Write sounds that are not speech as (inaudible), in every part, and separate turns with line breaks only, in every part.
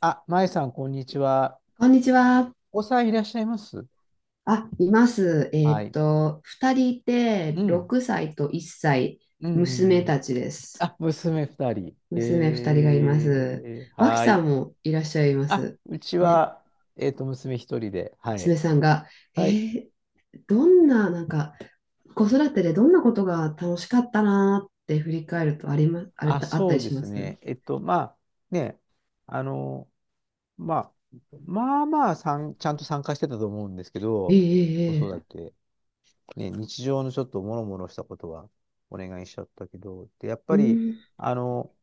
あ、まえさん、こんにちは。
こんにちは。
お子さんいらっしゃいます？
あ、います。
はい。
二人いて、
うん。
6歳と1歳、
うん、うん、
娘
うん。
たちです。
あ、娘二人。
娘二人がいます。脇
は
さ
い。
んもいらっしゃいま
あ、
す。
うち
ね、
は、娘一人で。はい。
娘さんが、え
はい。
ーどんな、なんか、子育てでどんなことが楽しかったなーって振り返るとありま、あれ、
あ、
あった
そう
り
で
しま
す
す
ね。まあ、ね、あの、まあ、まあまあさん、ちゃんと参加してたと思うんですけ
え
ど、
え
子
ええ
育
え
て、ね、日常のちょっともろもろしたことはお願いしちゃったけど、で、やっ
え。
ぱ
う
り、
ん、
あの、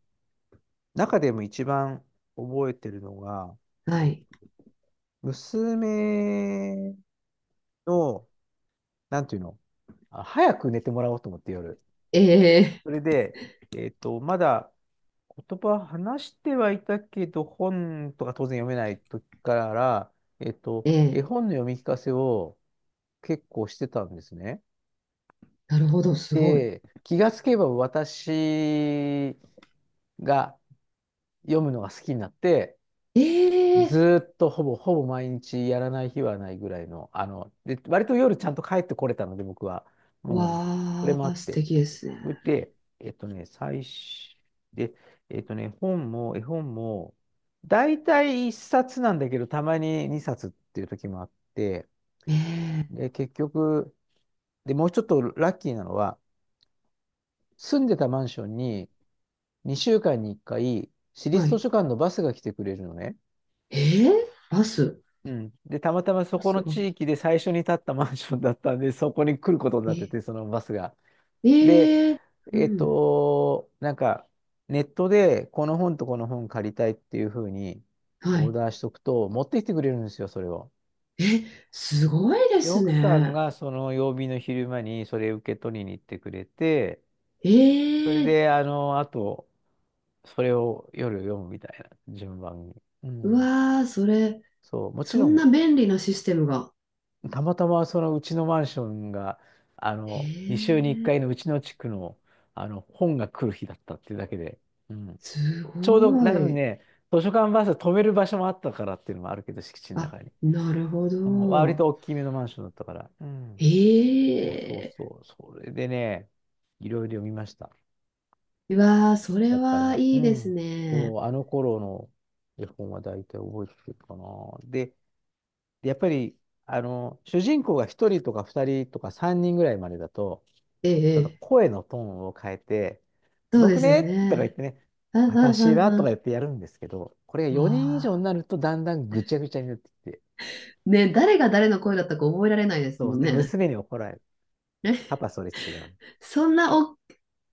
中でも一番覚えてるのが、
は
え、
い。
娘の、なんていうの、あ、早く寝てもらおうと思って夜。
ええ
それで、まだ言葉話してはいたけど、本とか当然読めない時から、
え
絵
え。
本の読み聞かせを結構してたんですね。
なるほど、すごい。
で、気がつけば私が読むのが好きになって、
え
ず
え。
ーっとほぼほぼ毎日やらない日はないぐらいの、で、割と夜ちゃんと帰ってこれたので、僕は。うん。それ
わ
もあ
ー、
っ
素
て。
敵です
そ
ね。
れで、最初、で、本も、絵本も、大体一冊なんだけど、たまに二冊っていう時もあって、
ね
で、結局、で、もうちょっとラッキーなのは、住んでたマンションに2週間に1回、市
え。は
立図
い。
書館のバスが来てくれるのね。
ええ。バス。
うん。で、たまたまそ
バ
こ
ス
の
が
地
来
域
て。
で最初に建ったマンションだったんで、そこに来ることになって
え、
て、そのバスが。で、
ええ。うん。
なんか、ネットでこの本とこの本借りたいっていうふうに
は
オー
い。
ダーしとくと、持ってきてくれるんですよ、それを。
え、すごいで
で、
す
奥さん
ね。
がその曜日の昼間にそれ受け取りに行ってくれて、それ
ええ。
で、あと、それを夜読むみたいな順番に。う
う
ん。
わー、それ、
そう、もち
そ
ろ
んな
ん
便利なシステムが。
たまたまそのうちのマンションが、2週に
ええ。
1回のうちの地区の、本が来る日だったっていうだけで、うん。
す
ちょうど、多
ご
分
い。
ね、図書館バス止める場所もあったからっていうのもあるけど、敷地の中
あ、
に。
なるほ
割
ど。
と大きめのマンションだったから。うん。そうそう
ええ。
そう。それでね、いろいろ読みました。
うわー、それ
だか
は
ら、
い
う
いです
ん。
ね。
そう、あの頃の絵本は大体覚えてるかな。で、で、やっぱり、主人公が1人とか2人とか3人ぐらいまでだと、
え
ちょっと
え、ええ。
声のトーンを変えて、
そうで
僕
すよ
ねとか言っ
ね。
てね、
うんうん
私は
う
と
ん
か言
う
ってやるんですけど、これが
ん。わ
4人以上
あ。
になるとだんだんぐちゃぐちゃになってきて、
ね、誰が誰の声だったか覚えられないです
そ
も
う、
ん
で、
ね。
娘に怒られる。パパ、それ違う。
そんなお、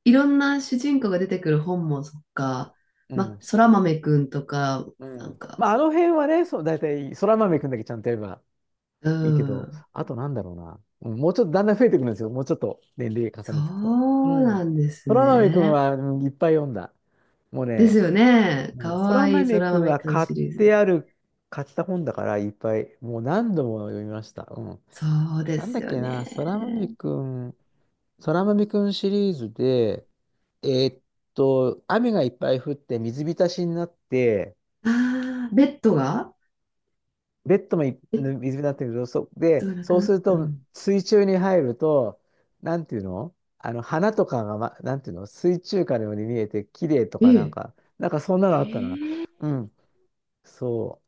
いろんな主人公が出てくる本もそっか、
う
ま、
ん。
そら豆くんとか、
う
なん
ん。
か、
まあ、あの辺はね、そう、だいたい、そら豆くんだけちゃんとやれば
う
いいけど、
ん、
あとなんだろうな。うん、もうちょっとだんだん増えてくるんですよ。もうちょっと年齢重
そ
ねていくと。う
う
ん。
なんです
そら豆くん
ね。
は、いっぱい読んだ。もう
です
ね、
よね。
う
か
ん、空
わいいそ
豆
ら
くん
豆
は
くん
買っ
シリー
て
ズ。
ある、買った本だからいっぱい、もう何度も読みました。うん。
そうで
なん
す
だっ
よ
けな、空豆
ね。
くん、空豆くんシリーズで、えーっ雨がいっぱい降って水浸しになって、
ああ、ベッドが
ベッドもい
ベ
水
ッ
浸しになってるけど、
ドが
で、
なく
そう
なっ
する
た。う
と
ん。
水中に入ると、なんていうの花とかが、ま、なんていうの水中花のように見えて、綺麗とかなん
ええ。
か、なんかそんなのあったな。
ええ。
うん。そう。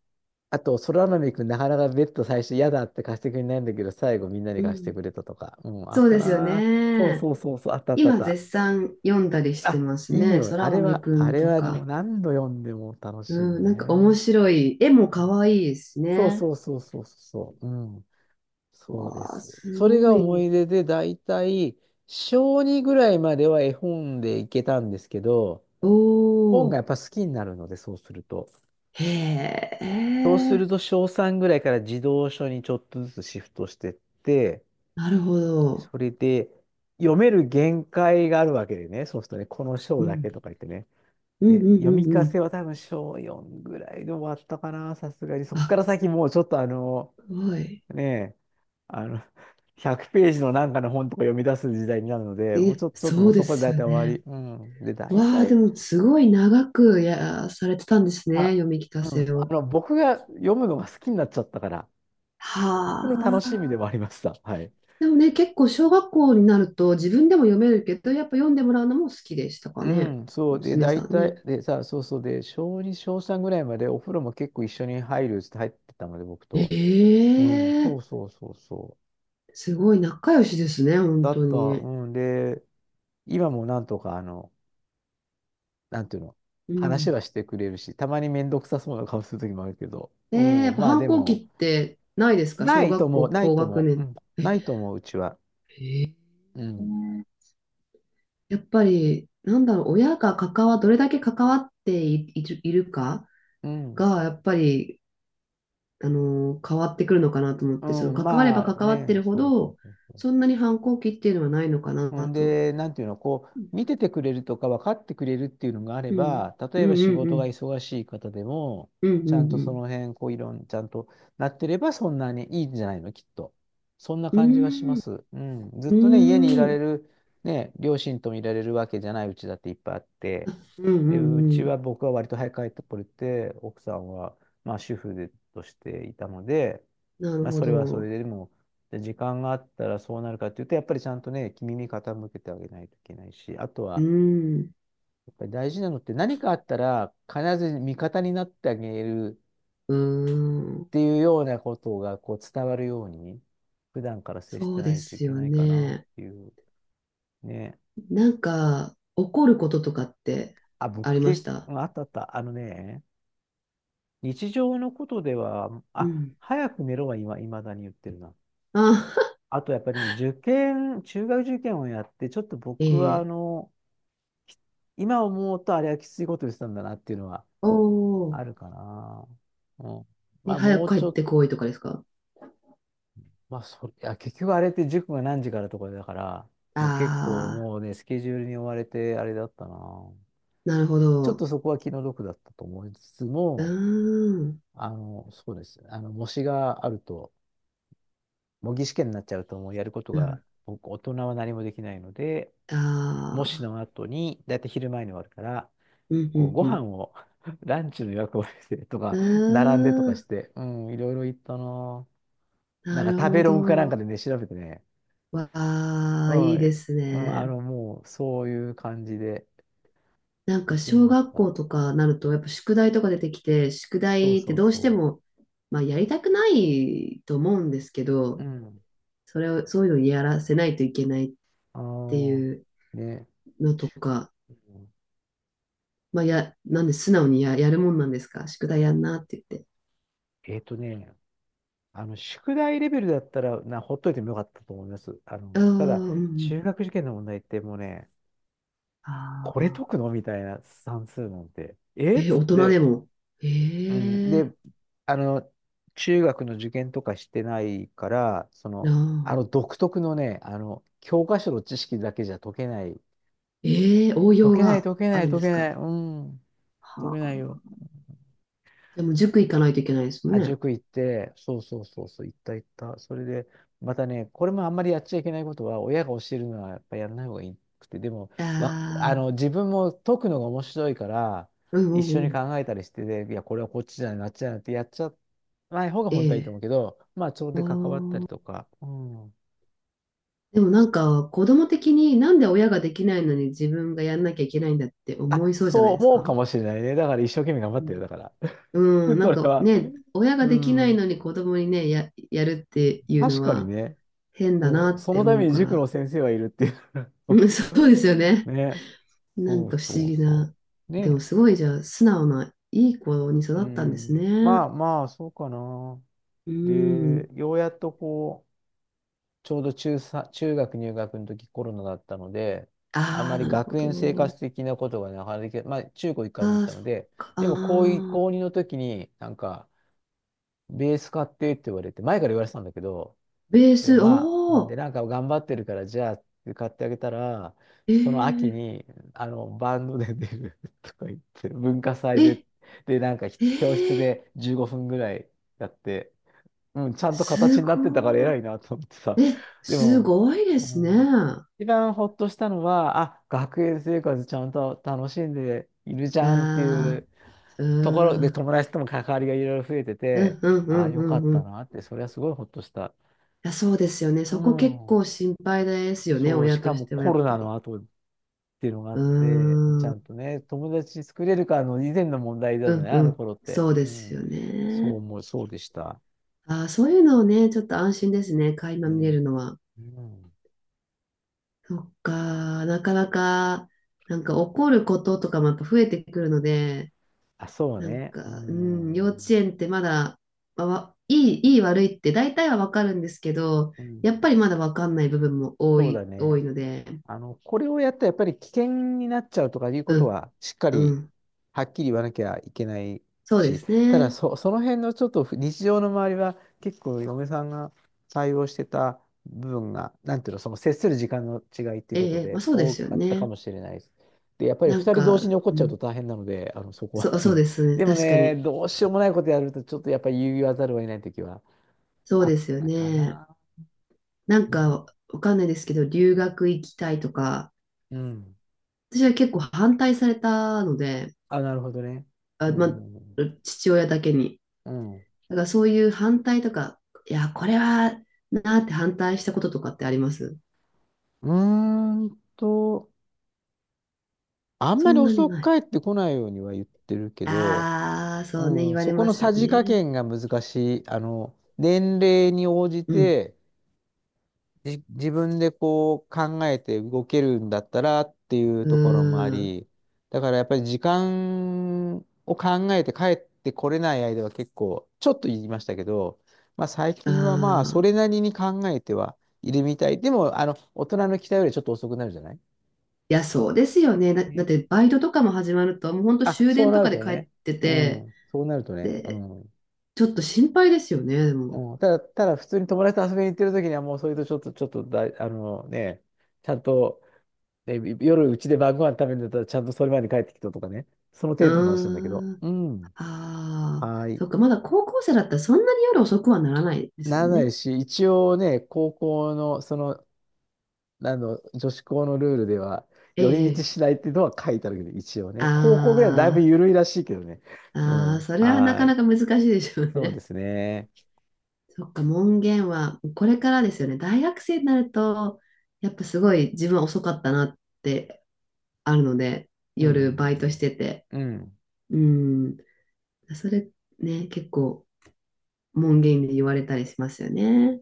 あと、空豆くん、なかなかベッド最初嫌だって貸してくれないんだけど、最後みんなに
う
貸して
ん。
くれたとか。うん、あっ
そう
た
ですよ
な。ーそう
ね。
そうそうそう、あったあったあっ
今
た。
絶賛読んだりして
あ、
ます
いい
ね。
よ。
そ
あ
ら
れ
豆
は、
く
あ
ん
れ
と
は
か。
何度読んでも楽しいよ
うん、なんか面
ね。
白い。絵も可愛いですし
そう
ね。
そうそうそうそう。うん。そうで
わあ、
す。
す
それ
ご
が思
い。
い出で、だいたい小2ぐらいまでは絵本でいけたんですけど、
お
本が
お、
やっぱ好きになるので、そうすると。
へ
そうす
え、
ると小3ぐらいから児童書にちょっとずつシフトしてって、
なるほど。
それで、読める限界があるわけでね、そうするとね、この
う
章だ
ん、
けとか言ってね。
うん、うん、
で、読
う
み
ん。
聞
う
かせ
ん。
は多分章4ぐらいで終わったかな、さすがに。そっか
あ、
ら先もうちょっと
すごい。
ねえ、あの、100ページのなんかの本とか読み出す時代になるので、もう
え、
ちょっと、ちょっと
そ
もう
うで
そこで
す
大
よ
体終わり。
ね。
うん。で、大
わあ、で
体、
もすごい長くや、されてたんですね。
あ、
読み聞か
うん、
せを。
僕が読むのが好きになっちゃったから、僕
は
の楽しみで
あ。
もありました。はい。
でもね、結構小学校になると自分でも読めるけど、やっぱ読んでもらうのも好きでしたか
う
ね。
ん、そうで、
娘さ
大
んね。
体、でさ、そうそうで、小2、小3ぐらいまでお風呂も結構一緒に入るって入ってたので、僕と。うん、そ
ええ。
うそうそうそう。
すごい仲良しですね、本
だ
当
った、
に。
うん、で、今もなんとか、なんていうの、
う
話
ん。
はしてくれるし、たまにめんどくさそうな顔する時もあるけど、
えー、
う
やっ
ん、
ぱ
まあ
反
で
抗期
も、
ってないですか
な
小
いと
学
も、
校
ない
高
と
学
も、う
年。
ん、ないとも、うちは。
え、え
う
ー、
ん、
ね。やっぱり、なんだろう、親がどれだけ関わってい、いるか
うん、
が、やっぱり、変わってくるのかなと思っ
う
て、その
ん、
関われば
まあ
関わって
ね、
るほ
そうそう
ど、
そうそう。
そんなに反抗期っていうのはないのかな
うん。
と。
で、なんていうの、こ
うん。
う、見ててくれるとか分かってくれるっていうのがあれ
うん
ば、
う
例
ん
えば仕
う
事が
ん。
忙しい方でも、
うんう
ちゃんとそ
ん
の辺、こう、いろん、ちゃんとなってれば、そんなにいいんじゃないの、きっと。そんな
う
感じはしま
ん。
す。うん。ずっ
うー
とね、家
ん。
にい
う
ら
ー
れ
ん。
る、ね、両親ともいられるわけじゃないうちだっていっぱいあって、
うんうん
で、う
う
ち
ん。
は僕は割と早く帰ってこれて、奥さんは、まあ、主婦でとしていたので、
なる
まあ、
ほ
それはそれ
ど。
で、でも、で、時間があったらそうなるかっていうと、やっぱりちゃんとね、耳傾けてあげないといけないし、あと
う
は、
ん。
やっぱり大事なのって何かあったら必ず味方になってあげる
うん。
っていうようなことがこう伝わるように、普段から接し
そ
て
う
な
で
いとい
す
け
よ
ないかなっ
ね。
ていう。ね。
なんか、怒ることとかって
あ、
あ
僕
りまし
結
た？
構、あったあった。日常のことでは、
う
あ、
ん。
早く寝ろは今、未だに言ってるな。
あ、
あとやっぱりね、受験、中学受験をやって、ちょっ
(laughs)
と僕
え
は
え。
今思うとあれはきついことしたんだなっていうのは
おお。
あるかな。うん。ま
で、
あ
早
もう
く帰
ちょ
っ
っと、
てこいとかですか？
まあそれ、いや結局あれって塾が何時からとかだから、もう結構
ああ
もうね、スケジュールに追われてあれだったな。
ー、なるほ
ちょっ
ど。
とそこは気の毒だったと思いつつ
う
も、
ーん。
そうです。模試があると、模擬試験になっちゃうともうやること
う
が、
ん。
僕、大人は何もできないので、
あ
模試
あ。
の後に、だいたい昼前に終わるから、
うん、う
こうご
ん、
飯を (laughs) ランチの予約をしてと
う
か、並んでと
ん。
か
うー
し
ん。
て、うん、いろいろ行ったな。な
な
ん
る
か食
ほ
べログかなんか
ど。
でね、調べてね、
わ
う
あ、
ん、
いいです
うん、
ね。
もう、そういう感じで
なん
行
か
き
小
まし
学
た。
校とかなるとやっぱ宿題とか出てきて、宿
そう
題って
そう
どうして
そ
も、まあ、やりたくないと思うんですけ
う。う
ど、
ん。
それを、そういうのをや、らせないといけないっ
あ
て
の
いう
ね、
のとか、
うん
まあ、や、なんで素直にやるもんなんですか宿題やんなって言って。
えっとね、宿題レベルだったら、ほっといてもよかったと思います。
ああ、
ただ、
う
中
ん。
学受験の問題ってもうね、
あ
これ解
あ、
くのみたいな算数なんて、
え
えっ
ー
つっ
大人で
て、
も。
うん、
え
で、
え。
あの、中学の受験とかしてないから、そ
な
の、あの
あ。
独特のね、教科書の知識だけじゃ解けない。
ええ応
解
用
けない、
が
解け
あ
ない、
るんで
解
す
けな
か？
い。うん、解け
は
ない
あ。
よ。
でも塾行かないといけないですもん
あ、
ね。
塾行って、そうそうそうそう、行った行った。それで、またね、これもあんまりやっちゃいけないことは、親が教えるのはやっぱやらない方がいくて、でも、
あ
わ、あ
あ、
の、自分も解くのが面白いから、
うん。
一
う
緒
んう
に
ん。
考えたりして、で、いや、これはこっちじゃない、なっちゃないってやっちゃない方が本当はいいと
え
思
え。
うけど、まあ、それ
あ
で関わったり
ー、
とか、うん。
でもなんか子供的になんで親ができないのに自分がやんなきゃいけないんだって思い
あ、
そうじゃな
そ
い
う
です
思う
か？
かもしれないね。だから一生懸命頑張
う
ってる、
ん、
だから。
うん、
(laughs)
な
そ
ん
れ
か
は。
ね、
(laughs)
親が
う
できない
ん。
のに子供にね、やるっていうの
確かに
は
ね。
変だな
そう、
っ
そ
て
のた
思
め
う
に
か
塾の
ら。
先生はいるっていう
うん、(laughs) そうですよ
(laughs)
ね。
ね。
なん
そう
か不思
そう
議
そ
な。
う。
でも
ね。
すごいじゃあ素直ないい子に育
う
ったんです
ん。ま
ね。
あまあ、そうかな。
う
で、
ん。
ようやっとこう、ちょうど中学入学の時コロナだったので、あん
あ
ま
あ、
り
なるほ
学園生
ど。
活的なことがなかなかできない、まあ中高一貫に行っ
ああ、
た
そ
の
っ
で、
か。あ
でも
あ。
高2の時になんか、ベース買ってって言われて、前から言われてたんだけど、
ベー
で、
ス、
まあ、で、
お。
なんか頑張ってるから、じゃあ、買ってあげたら、
ええ
その秋
ー。
に、バンドで出る (laughs) とか言って、文化祭で、
え、
で、なんか
え
教室
え。
で15分ぐらいやって、うん、ちゃんと形
す
に
ご
なってたから偉いなと思ってさ。
い。え、
で
す
も、
ごいで
う
すね。
ん、
あ
一番ほっとしたのは、あ、学園生活ちゃんと楽しんでいるじゃんってい
あ、
う
う
ところで、
ん。
友達とも関わりがいろいろ増えて
う
て、
んうんう
あ、
んう
よか
ん
っ
うん。
た
い
なって、それはすごいほっとした。
や、そうですよね。
う
そこ結
ん。
構心配ですよね。
そう、し
親
か
とし
も
てはや
コ
っ
ロ
ぱ
ナ
り。
の後っていうのがあ
う
っ
ー
て、ち
ん。
ゃ
う
んとね、友達作れるかの以前の問題だよ
ん
ね、あ
う
の
ん。
頃って。
そうで
う
す
ん。
よ
そう
ね。
思う、そうでした。
ああ、そういうのをね、ちょっと安心ですね。垣間見れ
ね。
るのは。
うん。
そっか。なかなか、なんか怒ることとかもやっぱ増えてくるので、
あ、そう
なん
ね。う
か、うん、幼稚
ん。
園ってまだ、まあわいい、いい悪いって大体はわかるんですけど、
う
やっ
ん。
ぱりまだわかんない部分も多
そうだ
い、多
ね。
いので、
これをやったらやっぱり危険になっちゃうとかいうこ
う
と
ん、
は、しっか
う
り
ん、
はっきり言わなきゃいけない
そうで
し、
す
ただ
ね。
その辺のちょっと日常の周りは、結構嫁さんが対応してた部分が、なんていうの、その接する時間の違いっていうこと
ええ、まあ
で、
そうで
多
すよ
かったか
ね。
もしれないです。で、やっぱり
な
二
ん
人同
か、
時に怒っ
う
ちゃうと
ん、
大変なので、(laughs) そこ
そう、
はう
そう
ん。
ですね。
でも
確か
ね、
に。
どうしようもないことやると、ちょっとやっぱり言わざるを得ない時は
そう
あっ
ですよ
たか
ね。
な。
なん
うん。
か、わかんないですけど、留学行きたいとか、
うん。
私は結構反対されたので、
あ、なるほどね。
あ、
う
まあ、
ん。
父親だけに。
うん
だからそういう反対とか、いや、これはなーって反対したこととかってあります
うーんと、あん
そ
まり
んなに
遅
な
く
い。
帰ってこないようには言ってるけど、
ああ、そうね、
う
言
ん、
われ
そこ
ま
の
すよ
さじ加
ね。
減が難しい。年齢に応じ
うん。
て、自分でこう考えて動けるんだったらっていう
う
ところもあ
ーん。
り、だからやっぱり時間を考えて帰ってこれない間は結構、ちょっと言いましたけど、まあ最
あ
近はまあそれ
あ。
なりに考えてはいるみたい。でも、大人の期待よりちょっと遅くなるじゃない
いや、そうですよね。だっ
ね。
てバイトとかも始まると、もうほんと
あ、
終
そ
電
う
と
な
か
る
で
と
帰っ
ね。
て
う
て、
ん。そうなるとね。う
で、
ん。
ちょっと心配ですよね、でも。
うん、ただ、ただ普通に友達と遊びに行ってる時にはもうそれとちょっと、ちょっとあのね、ちゃんと、ね、夜うちで晩ご飯食べるんだったらちゃんとそれまで帰ってきたとかね。その
う
程度の話なんだけど。
ーん。
うん。
ああ。
はい。
そっか、まだ高校生だったらそんなに夜遅くはならないです
な
よ
らな
ね。
いし、一応ね、高校の、その、女子校のルールでは、
え
寄り道
え。
しないっていうのは書いてあるけど、一応
あ
ね。高校ぐらいはだいぶ
あ。
緩いらしいけどね。う
ああ、
ん。
それはな
は
かな
い。
か難しいでしょう
そうで
ね。
すね。
(laughs) そっか、門限はこれからですよね。大学生になると、やっぱすごい自分は遅かったなってあるので、
うん。う
夜バイトし
ん
てて。
うんうん。うん
うん。それね、結構門限で言われたりしますよね。